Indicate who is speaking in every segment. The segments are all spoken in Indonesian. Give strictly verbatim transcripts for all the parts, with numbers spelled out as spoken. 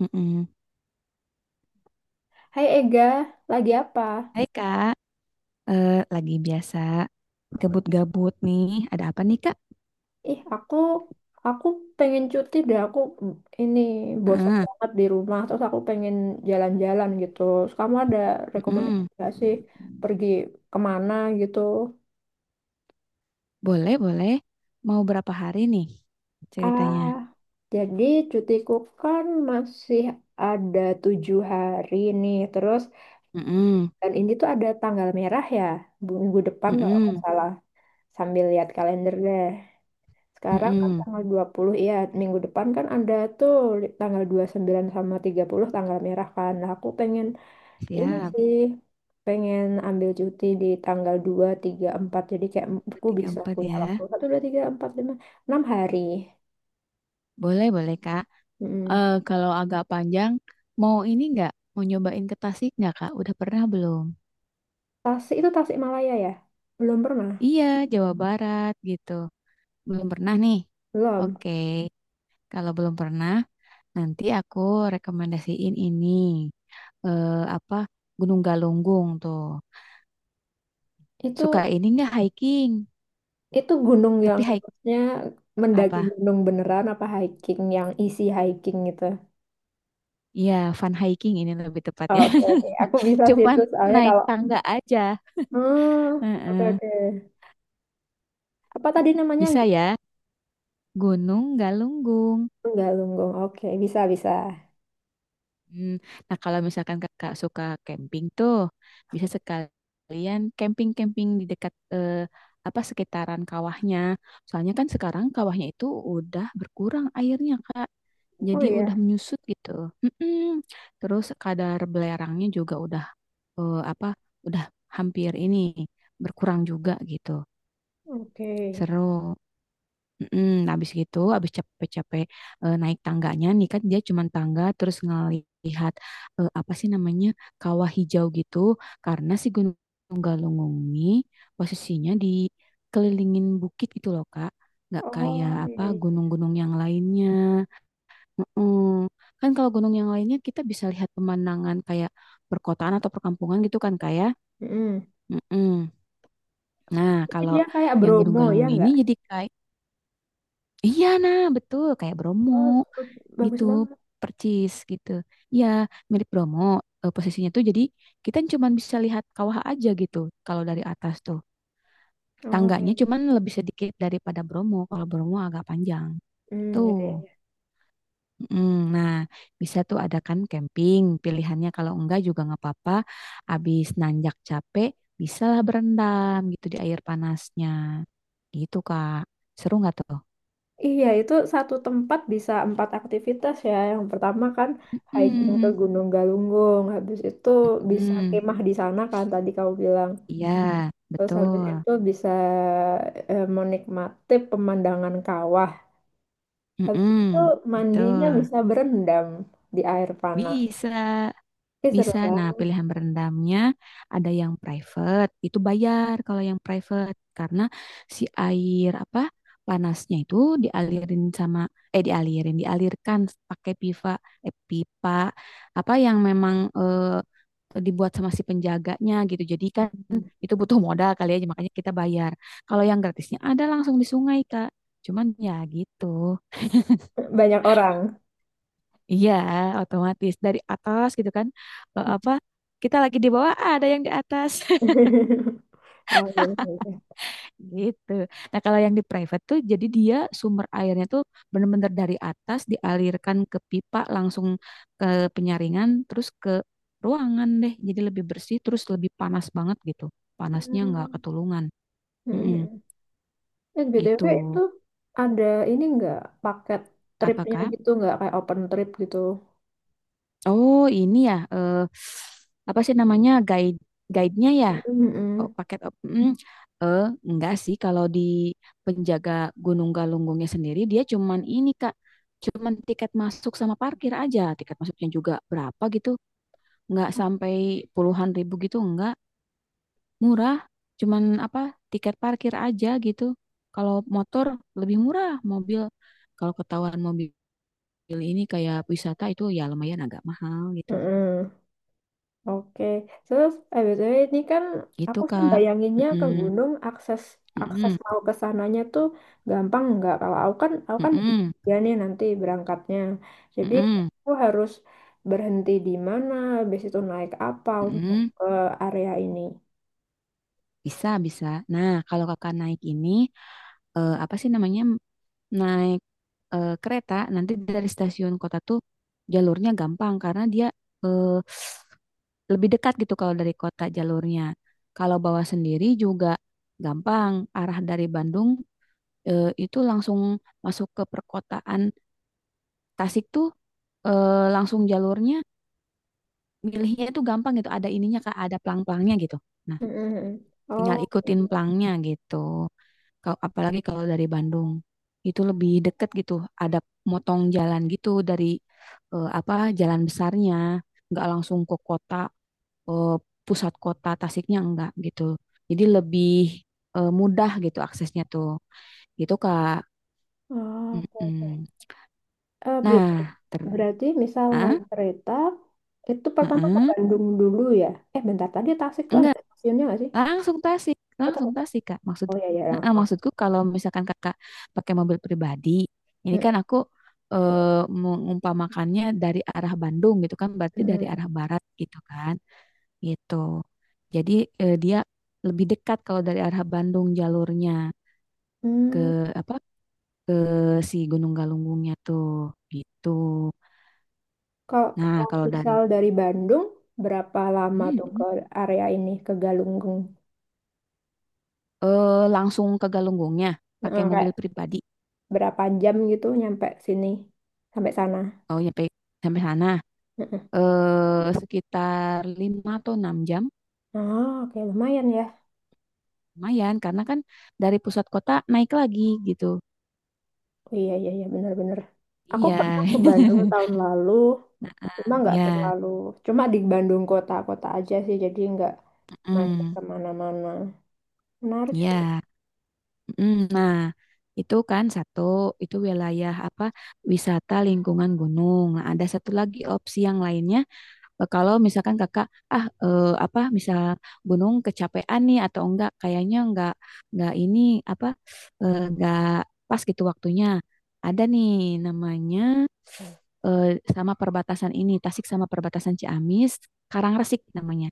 Speaker 1: Mm-mm.
Speaker 2: Hai Ega, lagi apa?
Speaker 1: Hai Kak. Eh, lagi biasa gabut-gabut nih. Ada apa nih Kak?
Speaker 2: Ih, aku aku pengen cuti deh. Aku mm, ini bosan
Speaker 1: Ah,
Speaker 2: banget di rumah. Terus aku pengen jalan-jalan gitu. Terus kamu ada rekomendasi
Speaker 1: Mm-mm.
Speaker 2: nggak sih pergi kemana gitu?
Speaker 1: Boleh, boleh. Mau berapa hari nih ceritanya?
Speaker 2: Ah, jadi cutiku kan masih ada tujuh hari nih. Terus
Speaker 1: Mm-mm.
Speaker 2: dan ini tuh ada tanggal merah ya, bu- minggu depan kalau nggak
Speaker 1: Mm-mm.
Speaker 2: salah. Sambil lihat kalender deh. Sekarang kan
Speaker 1: Mm-mm.
Speaker 2: tanggal dua puluh ya, minggu depan kan ada tuh li- tanggal dua puluh sembilan sama tiga puluh tanggal merah kan. Nah, aku pengen ini
Speaker 1: Siap.
Speaker 2: sih, pengen ambil cuti di tanggal dua tiga empat. Jadi kayak
Speaker 1: Dua,
Speaker 2: aku
Speaker 1: tiga
Speaker 2: bisa
Speaker 1: empat
Speaker 2: punya
Speaker 1: ya.
Speaker 2: waktu satu dua tiga empat lima enam hari.
Speaker 1: Boleh, boleh, Kak.
Speaker 2: Mm-mm.
Speaker 1: Eh, kalau agak panjang, mau ini nggak? Mau nyobain ke Tasik nggak Kak? Udah pernah belum?
Speaker 2: Tasik itu Tasik Malaya ya? Belum pernah.
Speaker 1: Iya, Jawa Barat gitu. Belum pernah nih.
Speaker 2: Belum.
Speaker 1: Oke, kalau belum pernah. Nanti aku rekomendasiin ini, eh, apa, Gunung Galunggung tuh. Suka
Speaker 2: Itu
Speaker 1: ini nggak hiking?
Speaker 2: itu gunung yang
Speaker 1: Tapi hike
Speaker 2: maksudnya mendaki
Speaker 1: apa?
Speaker 2: gunung beneran apa hiking yang isi hiking gitu.
Speaker 1: Iya, fun hiking ini lebih
Speaker 2: Oh,
Speaker 1: tepatnya.
Speaker 2: oke, oke. Aku bisa sih
Speaker 1: Cuman
Speaker 2: itu soalnya
Speaker 1: naik
Speaker 2: kalau.
Speaker 1: tangga aja.
Speaker 2: Oh, oke
Speaker 1: Heeh.
Speaker 2: oke. Apa tadi namanya?
Speaker 1: Bisa ya, Gunung Galunggung.
Speaker 2: Enggak, Lunggong. Oke, bisa bisa.
Speaker 1: Hmm, Nah, kalau misalkan kakak suka camping tuh, bisa sekalian camping-camping di dekat, eh, apa, sekitaran kawahnya. Soalnya kan sekarang kawahnya itu udah berkurang airnya, Kak.
Speaker 2: Oh
Speaker 1: Jadi udah
Speaker 2: iya,
Speaker 1: menyusut gitu. Mm-mm. Terus kadar belerangnya juga udah, eh, apa? Udah hampir ini berkurang juga gitu.
Speaker 2: oke.
Speaker 1: Seru. Mm, habis gitu, habis capek-capek, eh, naik tangganya nih, kan dia cuma tangga, terus ngelihat, eh, apa sih namanya, kawah hijau gitu, karena si Gunung Galunggung ini posisinya dikelilingin bukit gitu loh, Kak. Nggak kayak
Speaker 2: Oh
Speaker 1: apa,
Speaker 2: iya, iya.
Speaker 1: gunung-gunung yang lainnya. Mm-mm. Kan kalau gunung yang lainnya kita bisa lihat pemandangan kayak perkotaan atau perkampungan gitu kan kayak.
Speaker 2: Mm-mm.
Speaker 1: Mm-mm. Nah,
Speaker 2: Jadi
Speaker 1: kalau
Speaker 2: dia kayak
Speaker 1: yang Gunung
Speaker 2: Bromo ya
Speaker 1: Galunggung ini
Speaker 2: nggak?
Speaker 1: jadi kayak, iya, nah betul, kayak Bromo.
Speaker 2: Oh, bagus
Speaker 1: Gitu,
Speaker 2: banget.
Speaker 1: percis gitu ya, milik Bromo, eh, posisinya tuh jadi kita cuman bisa lihat kawah aja gitu kalau dari atas tuh.
Speaker 2: Oh,
Speaker 1: Tangganya
Speaker 2: iya.
Speaker 1: cuman lebih sedikit daripada Bromo, kalau Bromo agak panjang
Speaker 2: Hmm, ya, ya,
Speaker 1: tuh.
Speaker 2: ya.
Speaker 1: Mm, nah, bisa tuh adakan camping pilihannya, kalau enggak juga nggak apa-apa. Abis nanjak capek bisalah berendam gitu di air panasnya, gitu Kak, seru nggak tuh?
Speaker 2: Iya, itu satu tempat bisa empat aktivitas ya. Yang pertama kan hiking ke
Speaker 1: Hmm,
Speaker 2: Gunung Galunggung, habis itu bisa
Speaker 1: hmm,
Speaker 2: kemah di sana kan tadi kamu bilang.
Speaker 1: iya,
Speaker 2: Terus habis
Speaker 1: betul.
Speaker 2: itu bisa eh, menikmati pemandangan kawah. Habis itu
Speaker 1: Mm-mm,
Speaker 2: mandinya
Speaker 1: betul.
Speaker 2: bisa berendam di air panas.
Speaker 1: Bisa,
Speaker 2: Ih, seru
Speaker 1: bisa. Nah,
Speaker 2: banget.
Speaker 1: pilihan berendamnya ada yang private, itu bayar kalau yang private, karena si air, apa, panasnya itu dialirin sama, eh dialirin, dialirkan pakai pipa, eh pipa apa, yang memang, eh, dibuat sama si penjaganya gitu. Jadi kan itu butuh modal kali ya, makanya kita bayar. Kalau yang gratisnya ada langsung di sungai, Kak. Cuman ya gitu.
Speaker 2: Banyak orang.
Speaker 1: Iya, otomatis dari atas gitu kan. Eh, apa, kita lagi di bawah, ah, ada yang di atas
Speaker 2: Oh, iya, iya.
Speaker 1: gitu. Nah, kalau yang di private tuh jadi dia sumber airnya tuh bener-bener dari atas dialirkan ke pipa langsung ke penyaringan terus ke ruangan deh. Jadi lebih bersih terus lebih panas banget gitu. Panasnya nggak
Speaker 2: Hmm.
Speaker 1: ketulungan. Mm-mm,
Speaker 2: Mm-mm. Eh,
Speaker 1: gitu.
Speaker 2: B T W itu ada ini nggak paket tripnya
Speaker 1: Apakah?
Speaker 2: gitu nggak kayak open trip gitu?
Speaker 1: Oh, ini ya, eh, apa sih namanya, guide guide-nya ya? Oh,
Speaker 2: Mm-mm.
Speaker 1: paket op- mm, eh enggak sih, kalau di penjaga Gunung Galunggungnya sendiri, dia cuman ini Kak, cuman tiket masuk sama parkir aja. Tiket masuknya juga berapa gitu, enggak sampai puluhan ribu gitu, enggak, murah, cuman apa, tiket parkir aja gitu. Kalau motor lebih murah, mobil, kalau ketahuan mobil ini kayak wisata itu ya lumayan agak mahal gitu,
Speaker 2: Mm-mm. Oke, terus eh, B T W ini kan
Speaker 1: gitu
Speaker 2: aku sih
Speaker 1: Kak.
Speaker 2: bayanginnya ke
Speaker 1: Mm-mm.
Speaker 2: gunung akses akses
Speaker 1: Mm-mm.
Speaker 2: mau ke sananya tuh gampang nggak? Kalau aku kan aku kan
Speaker 1: Mm-mm.
Speaker 2: ya nih nanti berangkatnya, jadi
Speaker 1: Mm-mm.
Speaker 2: aku harus berhenti di mana, habis itu naik apa untuk
Speaker 1: Mm-mm.
Speaker 2: ke area ini.
Speaker 1: Bisa, bisa. Nah, kalau kakak naik ini, eh, apa sih namanya, naik, eh, kereta, nanti dari stasiun kota tuh jalurnya gampang, karena dia, eh, lebih dekat gitu kalau dari kota jalurnya. Kalau bawa sendiri juga gampang, arah dari Bandung, eh, itu langsung masuk ke perkotaan Tasik tuh, eh, langsung jalurnya, milihnya itu gampang gitu, ada ininya kak, ada pelang-pelangnya gitu. Nah,
Speaker 2: Mm-mm.
Speaker 1: tinggal
Speaker 2: Oh,
Speaker 1: ikutin pelangnya gitu. Ka- apalagi kalau dari Bandung itu lebih deket gitu, ada motong jalan gitu dari, eh, apa, jalan besarnya, nggak langsung ke kota, eh, pusat kota Tasiknya enggak gitu, jadi lebih, eh, mudah gitu aksesnya tuh, gitu Kak.
Speaker 2: ah, oke oke.
Speaker 1: Mm-mm.
Speaker 2: Eh, ber-
Speaker 1: Nah, ter
Speaker 2: berarti misal
Speaker 1: ah,
Speaker 2: naik kereta itu pertama ke
Speaker 1: mm-mm.
Speaker 2: Bandung dulu ya? Eh bentar tadi Tasik tuh
Speaker 1: Enggak,
Speaker 2: ada stasiunnya nggak sih?
Speaker 1: langsung Tasik,
Speaker 2: Oh,
Speaker 1: langsung
Speaker 2: ternyata-
Speaker 1: Tasik, Kak. Maksud
Speaker 2: oh ya ya
Speaker 1: Heeh,
Speaker 2: langsung.
Speaker 1: maksudku kalau misalkan Kakak pakai mobil pribadi, ini kan aku, eh, mengumpamakannya dari arah Bandung gitu kan, berarti dari
Speaker 2: Mm-mm.
Speaker 1: arah barat gitu kan. Gitu. Jadi, eh, dia lebih dekat kalau dari arah Bandung jalurnya ke
Speaker 2: Hmm,
Speaker 1: apa? Ke si Gunung Galunggungnya tuh, gitu.
Speaker 2: Kalau
Speaker 1: Nah,
Speaker 2: kalau
Speaker 1: kalau dari,
Speaker 2: misal dari Bandung, berapa lama
Speaker 1: hmm,
Speaker 2: tuh
Speaker 1: hmm,
Speaker 2: ke area ini, ke Galunggung?
Speaker 1: eh, langsung ke Galunggungnya pakai
Speaker 2: Heeh, kayak
Speaker 1: mobil pribadi.
Speaker 2: berapa jam gitu nyampe sini, sampai sana?
Speaker 1: Oh, nyampe, sampai sana.
Speaker 2: Heeh.
Speaker 1: Eh, sekitar lima atau enam jam.
Speaker 2: Oh, oke lumayan ya.
Speaker 1: Lumayan, karena kan dari pusat kota naik lagi gitu.
Speaker 2: Oh, iya, iya, iya, bener-bener. Aku
Speaker 1: Iya,
Speaker 2: pernah ke Bandung tahun lalu, cuma nggak
Speaker 1: ya,
Speaker 2: terlalu, cuma di Bandung kota-kota aja sih, jadi nggak main
Speaker 1: mm,
Speaker 2: kemana-mana. Menarik sih.
Speaker 1: ya. Mm. Nah, itu kan satu, itu wilayah apa, wisata lingkungan gunung. Nah, ada satu lagi opsi yang lainnya. eh, Kalau misalkan kakak, ah, eh, apa, misal gunung kecapean nih atau enggak, kayaknya enggak, enggak ini apa, eh, enggak pas gitu waktunya. Ada nih namanya. eh, Sama perbatasan ini, Tasik sama perbatasan Ciamis, Karangresik namanya.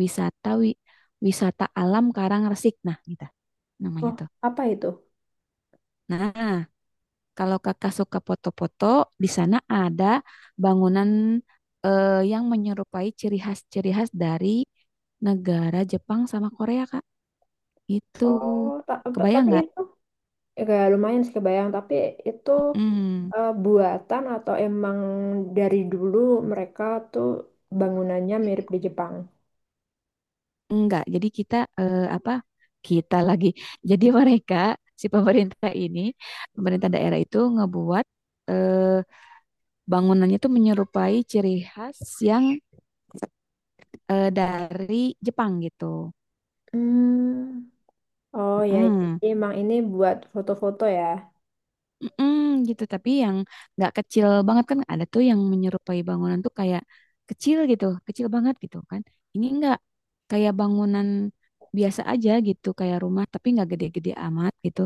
Speaker 1: Wisata wi- Wisata alam Karangresik. Nah, gitu namanya
Speaker 2: Oh,
Speaker 1: tuh.
Speaker 2: apa itu?
Speaker 1: Nah, kalau Kakak suka foto-foto, di sana ada bangunan, eh, yang menyerupai ciri khas-ciri khas dari negara Jepang sama Korea, Kak. Itu
Speaker 2: Oh, ta- ta-
Speaker 1: kebayang
Speaker 2: tapi
Speaker 1: nggak?
Speaker 2: itu. Ya, kayak lumayan sih kebayang, tapi itu
Speaker 1: Hmm.
Speaker 2: eh, buatan atau emang dari dulu mereka tuh bangunannya mirip di Jepang?
Speaker 1: Enggak, jadi kita, eh, apa? Kita lagi. Jadi mereka, si pemerintah ini, pemerintah daerah itu ngebuat, eh, bangunannya tuh menyerupai ciri khas yang, eh, dari Jepang gitu.
Speaker 2: Hmm. Oh ya,
Speaker 1: Mm,
Speaker 2: jadi emang ini buat foto-foto ya.
Speaker 1: mm, Gitu. Tapi yang nggak kecil banget kan ada tuh yang menyerupai bangunan tuh kayak kecil gitu, kecil banget gitu kan. Ini enggak kayak bangunan biasa aja gitu, kayak rumah tapi nggak gede-gede amat gitu.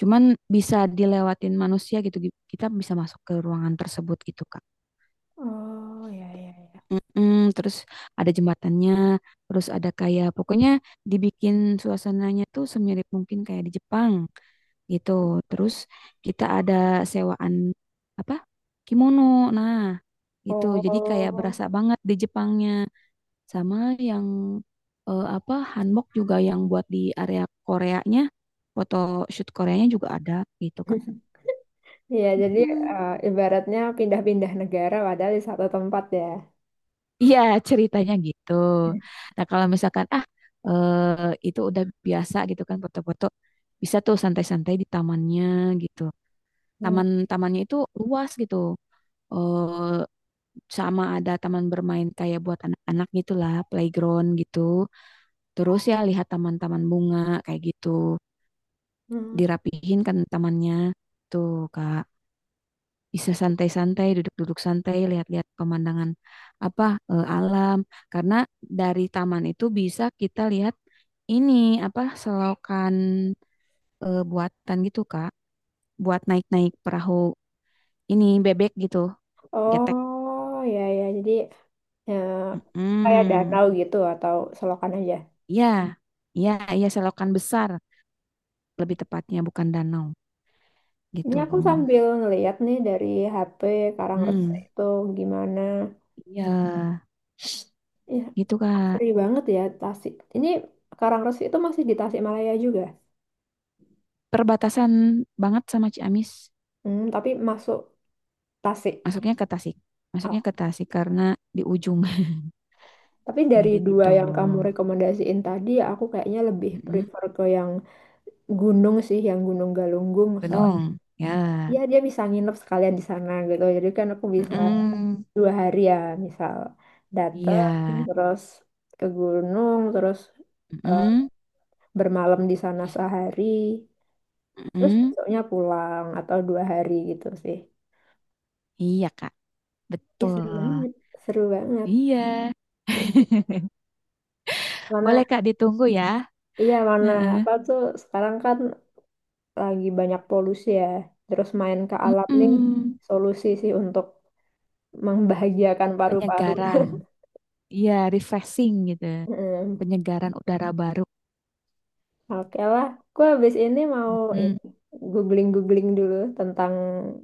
Speaker 1: Cuman bisa dilewatin manusia gitu. gi- Kita bisa masuk ke ruangan tersebut gitu, Kak.
Speaker 2: Oh ya ya ya.
Speaker 1: Mm-mm. Terus ada jembatannya, terus ada kayak pokoknya dibikin suasananya tuh semirip mungkin kayak di Jepang gitu. Terus kita ada sewaan apa? Kimono. Nah, gitu. Jadi kayak
Speaker 2: Oh.
Speaker 1: berasa banget di Jepangnya, sama yang, eh, apa, hanbok juga yang buat di area Koreanya, foto shoot Koreanya juga ada gitu, Kak.
Speaker 2: Ya, jadi
Speaker 1: Mm-mm.
Speaker 2: eh, ibaratnya pindah-pindah negara padahal di satu tempat ya.
Speaker 1: Iya, ceritanya gitu. Nah, kalau misalkan, ah eh, itu udah biasa gitu kan foto-foto, bisa tuh santai-santai di tamannya gitu.
Speaker 2: Hmm.
Speaker 1: Taman-tamannya itu luas gitu. Eh Sama ada taman bermain kayak buat anak-anak gitulah, playground gitu. Terus ya lihat taman-taman bunga kayak gitu.
Speaker 2: Hmm.
Speaker 1: Dirapihin kan tamannya. Tuh, Kak, bisa santai-santai, duduk-duduk santai, lihat-lihat pemandangan, apa, eh, alam. Karena dari taman itu bisa kita lihat ini, apa, selokan, eh, buatan gitu Kak, buat naik-naik perahu ini, bebek gitu, getek.
Speaker 2: Oh ya ya, jadi ya, kayak
Speaker 1: mm
Speaker 2: danau gitu atau selokan aja.
Speaker 1: Ya, ya, ya, selokan besar lebih tepatnya, bukan danau
Speaker 2: Ini
Speaker 1: gitu.
Speaker 2: aku sambil ngeliat nih dari H P Karangresi
Speaker 1: Hmm,
Speaker 2: itu gimana.
Speaker 1: ya,
Speaker 2: Ya,
Speaker 1: gitu Kak.
Speaker 2: asri banget ya Tasik. Ini Karangresi itu masih di Tasikmalaya juga.
Speaker 1: Perbatasan banget sama Ciamis.
Speaker 2: Hmm, tapi masuk Tasik.
Speaker 1: Masuknya ke Tasik.
Speaker 2: Oh,
Speaker 1: Masuknya ke Tasik karena di ujung
Speaker 2: tapi dari dua
Speaker 1: gitu.
Speaker 2: yang kamu rekomendasiin tadi, aku kayaknya lebih
Speaker 1: Mm-mm.
Speaker 2: prefer ke yang gunung sih, yang Gunung Galunggung. Soalnya
Speaker 1: Gunung. Ya.
Speaker 2: ya dia bisa nginep sekalian di sana gitu. Jadi kan aku bisa
Speaker 1: Mm-mm.
Speaker 2: dua hari ya, misal
Speaker 1: Iya.
Speaker 2: datang terus ke gunung terus eh,
Speaker 1: Mm-mm.
Speaker 2: bermalam di sana sehari, terus
Speaker 1: Mm-mm.
Speaker 2: besoknya pulang atau dua hari gitu sih.
Speaker 1: Iya, Kak.
Speaker 2: Ih, seru
Speaker 1: Betul.
Speaker 2: banget, seru banget.
Speaker 1: Iya. Boleh,
Speaker 2: Mana,
Speaker 1: Kak, ditunggu ya.
Speaker 2: iya mana
Speaker 1: Heeh.
Speaker 2: apa tuh sekarang kan lagi banyak polusi ya. Terus main ke alam nih
Speaker 1: Mm-mm.
Speaker 2: solusi sih untuk membahagiakan paru-paru.
Speaker 1: Penyegaran. Iya, refreshing gitu.
Speaker 2: Hmm,
Speaker 1: Penyegaran udara baru.
Speaker 2: Oke lah, gue habis ini mau ini
Speaker 1: Mm-mm.
Speaker 2: googling-googling dulu tentang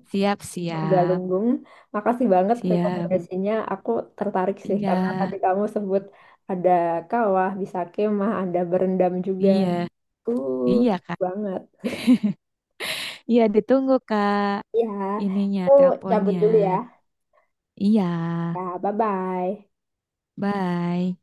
Speaker 1: Siap, siap.
Speaker 2: Galunggung. Makasih banget
Speaker 1: Siap.
Speaker 2: rekomendasinya. Aku tertarik sih
Speaker 1: Iya.
Speaker 2: karena tadi kamu sebut ada kawah, bisa kemah, ada berendam juga.
Speaker 1: Iya.
Speaker 2: Uh,
Speaker 1: Iya, Kak.
Speaker 2: banget.
Speaker 1: Iya, ditunggu, Kak.
Speaker 2: Ya,
Speaker 1: Ininya,
Speaker 2: aku cabut
Speaker 1: teleponnya.
Speaker 2: dulu ya.
Speaker 1: Iya,
Speaker 2: Ya, bye-bye.
Speaker 1: bye.